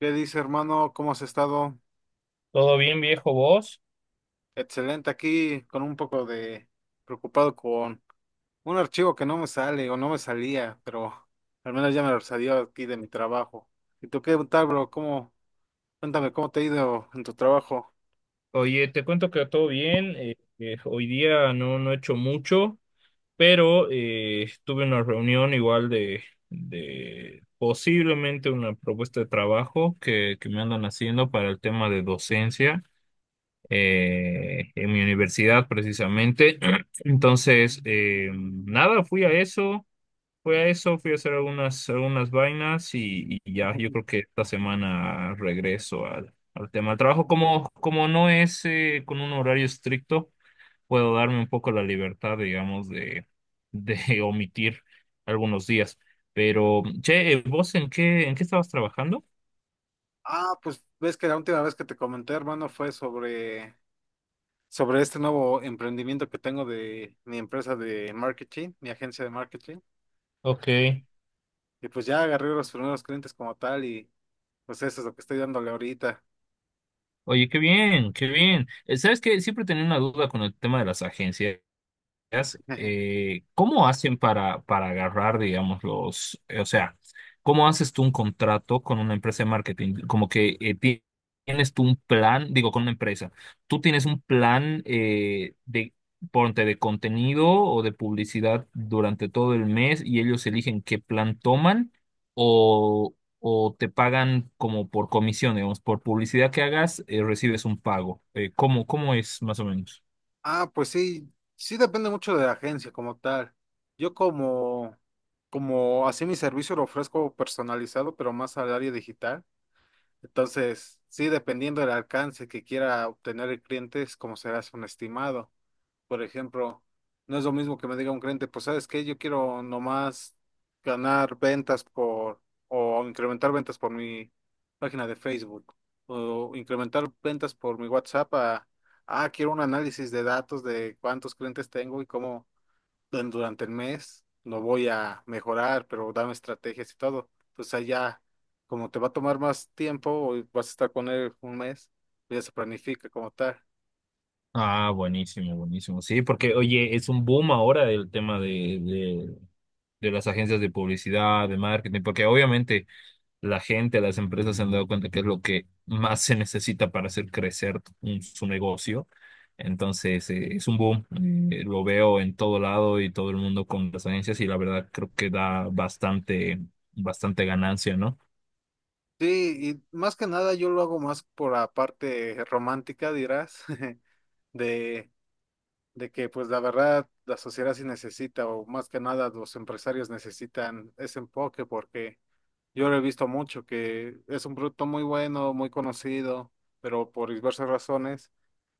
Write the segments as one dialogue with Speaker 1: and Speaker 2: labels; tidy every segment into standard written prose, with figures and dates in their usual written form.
Speaker 1: ¿Qué dice, hermano? ¿Cómo has estado?
Speaker 2: Todo bien, viejo vos.
Speaker 1: Excelente aquí, con un poco de preocupado con un archivo que no me sale o no me salía, pero al menos ya me lo salió aquí de mi trabajo. ¿Y tú qué tal, bro? ¿Cómo? Cuéntame, ¿cómo te ha ido en tu trabajo?
Speaker 2: Oye, te cuento que todo bien. Hoy día no he hecho mucho, pero tuve una reunión igual de posiblemente una propuesta de trabajo que me andan haciendo para el tema de docencia en mi universidad precisamente. Entonces, nada, fui a eso. Fui a eso, fui a hacer algunas vainas y ya, yo creo que esta semana regreso al tema del trabajo. Como no es con un horario estricto, puedo darme un poco la libertad, digamos, de omitir algunos días. Pero, che, ¿vos en qué estabas trabajando?
Speaker 1: Ah, pues ves que la última vez que te comenté, hermano, fue sobre este nuevo emprendimiento que tengo de mi empresa de marketing, mi agencia de marketing.
Speaker 2: Ok.
Speaker 1: Y pues ya agarré los primeros clientes como tal y pues eso es lo que estoy dándole ahorita.
Speaker 2: Oye, qué bien, qué bien. ¿Sabes qué? Siempre tenía una duda con el tema de las agencias. ¿Cómo hacen para agarrar, digamos, los, o sea, cómo haces tú un contrato con una empresa de marketing? Como que tienes tú un plan, digo, con una empresa, tú tienes un plan ponte, de contenido o de publicidad durante todo el mes y ellos eligen qué plan toman o, o te pagan como por comisión, digamos, por publicidad que hagas, recibes un pago. ¿Cómo, cómo es más o menos?
Speaker 1: Ah, pues sí, sí depende mucho de la agencia como tal. Yo como, como así mi servicio lo ofrezco personalizado, pero más al área digital. Entonces, sí, dependiendo del alcance que quiera obtener el cliente, es como será un estimado. Por ejemplo, no es lo mismo que me diga un cliente, pues sabes qué, yo quiero nomás ganar ventas por, o incrementar ventas por mi página de Facebook, o incrementar ventas por mi WhatsApp a, ah, quiero un análisis de datos de cuántos clientes tengo y cómo en durante el mes lo voy a mejorar, pero dame estrategias y todo. Entonces allá, como te va a tomar más tiempo, o vas a estar con él un mes, ya se planifica como tal.
Speaker 2: Ah, buenísimo, buenísimo. Sí, porque oye, es un boom ahora el tema de, de las agencias de publicidad, de marketing, porque obviamente la gente, las empresas se han dado cuenta que es lo que más se necesita para hacer crecer su negocio. Entonces, es un boom. Lo veo en todo lado y todo el mundo con las agencias y la verdad creo que da bastante, bastante ganancia, ¿no?
Speaker 1: Sí, y más que nada yo lo hago más por la parte romántica, dirás, de, de que pues la verdad la sociedad sí necesita, o más que nada los empresarios necesitan ese enfoque, porque yo lo he visto mucho, que es un producto muy bueno, muy conocido, pero por diversas razones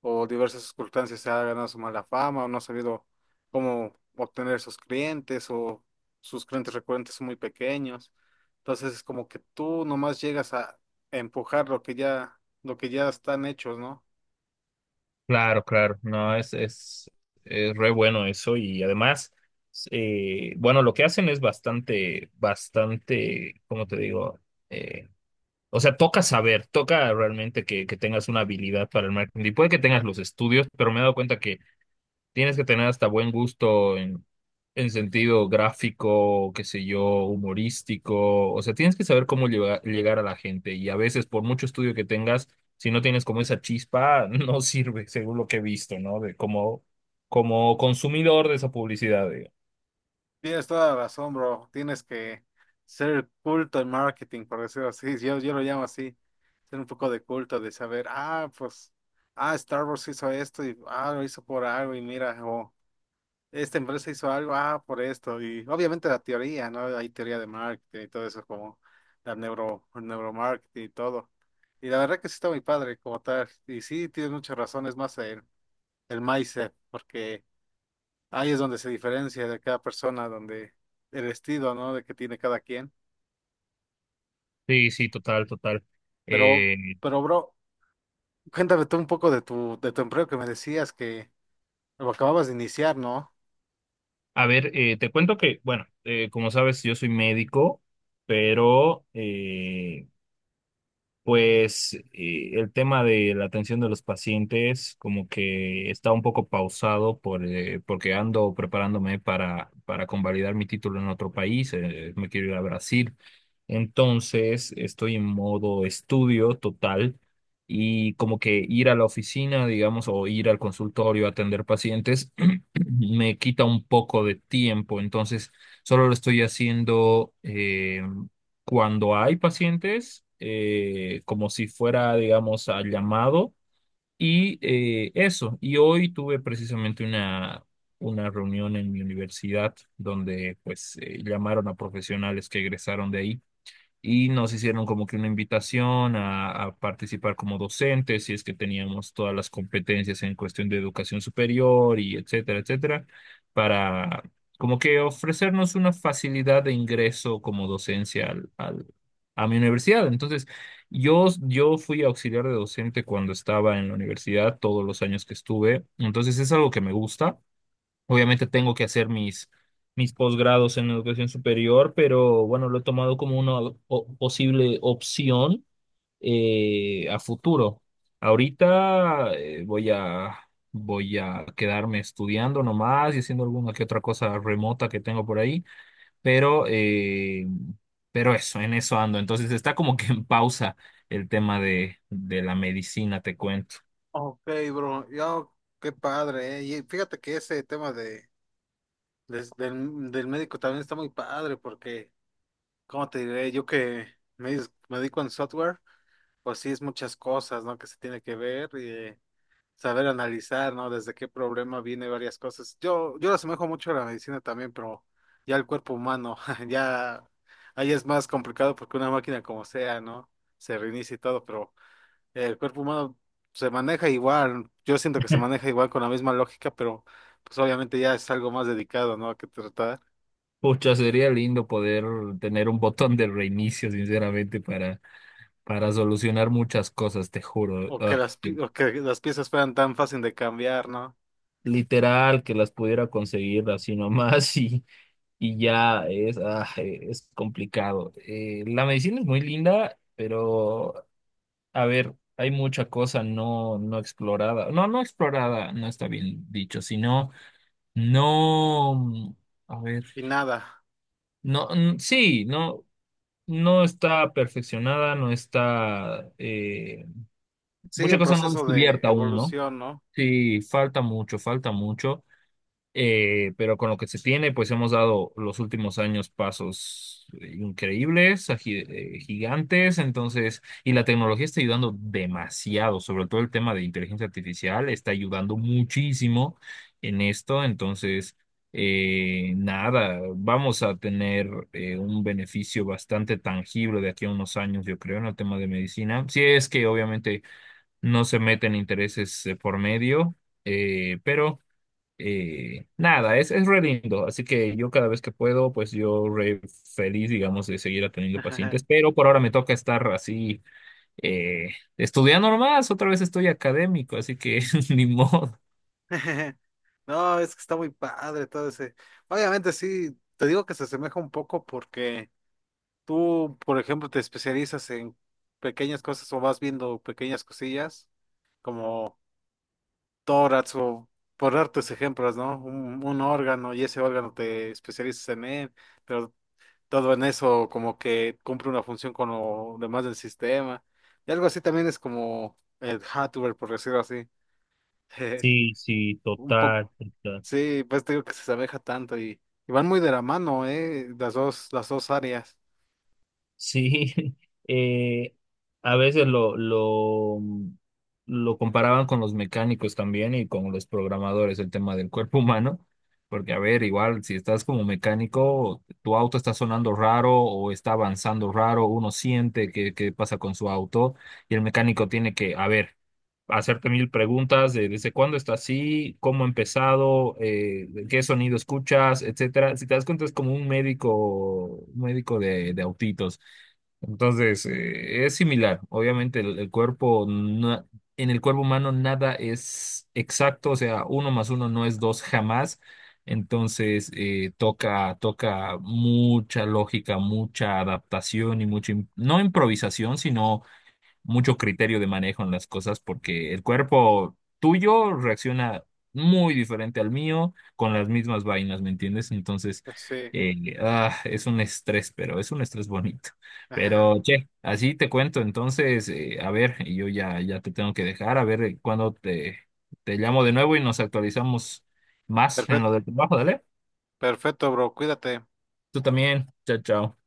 Speaker 1: o diversas circunstancias se ha ganado su mala fama o no ha sabido cómo obtener sus clientes o sus clientes recurrentes son muy pequeños. Entonces es como que tú nomás llegas a empujar lo que ya están hechos, ¿no?
Speaker 2: Claro, claro, no, es re bueno eso y además, bueno, lo que hacen es bastante, bastante, ¿cómo te digo? Eh, o sea, toca saber, toca realmente que tengas una habilidad para el marketing. Y puede que tengas los estudios, pero me he dado cuenta. Tienes que tener hasta buen gusto en sentido gráfico, qué sé yo, humorístico. O sea, tienes que saber cómo llegar a la gente. Y a veces, por mucho estudio que tengas, si no tienes como esa chispa, no sirve, según lo que he visto, ¿no? De como, como consumidor de esa publicidad, digo.
Speaker 1: Tienes toda la razón, bro. Tienes que ser culto en marketing, por decirlo así. Yo lo llamo así. Ser un poco de culto, de saber, ah, pues, ah, Star Wars hizo esto y ah, lo hizo por algo y mira, o esta empresa hizo algo, ah, por esto, y obviamente la teoría, ¿no? Hay teoría de marketing y todo eso, como neuromarketing y todo. Y la verdad que sí está muy padre como tal, y sí, tiene muchas razones más el mindset, porque ahí es donde se diferencia de cada persona, donde el estilo, ¿no? De que tiene cada quien.
Speaker 2: Sí, sí, total, total.
Speaker 1: Pero,
Speaker 2: Eh,
Speaker 1: pero, bro, cuéntame tú un poco de de tu empleo que me decías que lo acababas de iniciar, ¿no?
Speaker 2: a ver, te cuento que, bueno, como sabes, yo soy médico, pero pues el tema de la atención de los pacientes como que está un poco pausado por, porque ando preparándome para convalidar mi título en otro país, me quiero ir a Brasil. Entonces estoy en modo estudio total y como que ir a la oficina, digamos, o ir al consultorio a atender pacientes me quita un poco de tiempo. Entonces solo lo estoy haciendo. Eh, cuando hay pacientes, como si fuera, digamos, al llamado. Y eso, y hoy tuve precisamente una reunión en mi universidad donde pues llamaron a profesionales que egresaron de ahí y nos hicieron como que una invitación a participar como docentes, si es que teníamos todas las competencias en cuestión de educación superior y etcétera, etcétera, para como que ofrecernos una facilidad de ingreso como docencia a mi universidad. Entonces, yo fui auxiliar de docente cuando estaba en la universidad, todos los años que estuve, entonces es algo que me gusta. Obviamente tengo que hacer mis posgrados en educación superior, pero bueno, lo he tomado como una posible opción a futuro. Ahorita voy a quedarme estudiando nomás y haciendo alguna que otra cosa remota que tengo por ahí, pero, eh, pero eso, en eso ando. Entonces está como que en pausa el tema de la medicina, te cuento.
Speaker 1: Ok, bro, yo, qué padre, ¿eh? Y fíjate que ese tema de del médico también está muy padre porque, ¿cómo te diré? Yo que me dedico en software, pues sí es muchas cosas, ¿no? Que se tiene que ver y saber analizar, ¿no? Desde qué problema viene varias cosas. Yo lo asemejo mucho a la medicina también, pero ya el cuerpo humano, ya ahí es más complicado porque una máquina como sea, ¿no? Se reinicia y todo, pero el cuerpo humano se maneja igual. Yo siento que se maneja igual con la misma lógica, pero pues obviamente ya es algo más dedicado, ¿no? A qué tratar.
Speaker 2: Pucha, sería lindo poder tener un botón de reinicio, sinceramente, para solucionar muchas cosas, te juro. Ay,
Speaker 1: O que las piezas fueran tan fácil de cambiar, ¿no?
Speaker 2: literal, que las pudiera conseguir así nomás y ya es, ah, es complicado. La medicina es muy linda, pero a ver, hay mucha cosa no explorada. No, no explorada, no está bien dicho, sino no, mm, a ver,
Speaker 1: Y nada,
Speaker 2: no, mm, sí, no. No está perfeccionada, no está...
Speaker 1: sigue
Speaker 2: mucha
Speaker 1: en
Speaker 2: cosa no
Speaker 1: proceso de
Speaker 2: descubierta aún, ¿no?
Speaker 1: evolución, ¿no?
Speaker 2: Sí, falta mucho, pero con lo que se tiene, pues hemos dado los últimos años pasos increíbles, gigantes, entonces, y la tecnología está ayudando demasiado, sobre todo el tema de inteligencia artificial está ayudando muchísimo en esto, entonces, nada, vamos a tener un beneficio bastante tangible de aquí a unos años, yo creo, en el tema de medicina, si es que obviamente no se meten intereses por medio, pero nada, es re lindo, así que yo cada vez que puedo, pues yo re feliz, digamos, de seguir atendiendo pacientes, pero por ahora me toca estar así, eh, estudiando nomás, otra vez estoy académico, así que ni modo.
Speaker 1: No, es que está muy padre todo ese. Obviamente sí, te digo que se asemeja un poco porque tú, por ejemplo, te especializas en pequeñas cosas o vas viendo pequeñas cosillas como tórax o por darte ejemplos, ¿no? Un órgano y ese órgano te especializas en él, pero todo en eso como que cumple una función con lo demás del sistema. Y algo así también es como el hardware, por decirlo así.
Speaker 2: Sí, sí,
Speaker 1: Un
Speaker 2: total.
Speaker 1: poco,
Speaker 2: Total.
Speaker 1: sí, pues te digo que se asemeja tanto y van muy de la mano, las dos áreas.
Speaker 2: Sí, eh, a veces lo comparaban con los mecánicos también y con los programadores, el tema del cuerpo humano, porque a ver, igual si estás como mecánico, tu auto está sonando raro o está avanzando raro, uno siente que pasa con su auto y el mecánico tiene que, a ver, hacerte mil preguntas de desde cuándo está así, cómo ha empezado, qué sonido escuchas, etcétera. Si te das cuenta, es como un médico de autitos. Entonces, es similar. Obviamente, el cuerpo, en el cuerpo humano nada es exacto, o sea, uno más uno no es dos jamás. Entonces, toca mucha lógica, mucha adaptación y mucha, no improvisación, sino mucho criterio de manejo en las cosas porque el cuerpo tuyo reacciona muy diferente al mío con las mismas vainas, ¿me entiendes? Entonces,
Speaker 1: Sí.
Speaker 2: ah, es un estrés, pero es un estrés bonito.
Speaker 1: Ajá.
Speaker 2: Pero, che, así te cuento. Entonces, a ver, y yo ya te tengo que dejar, a ver te llamo de nuevo y nos actualizamos más en lo
Speaker 1: Perfecto,
Speaker 2: del trabajo, dale.
Speaker 1: perfecto, bro, cuídate.
Speaker 2: Tú también, chao, chao.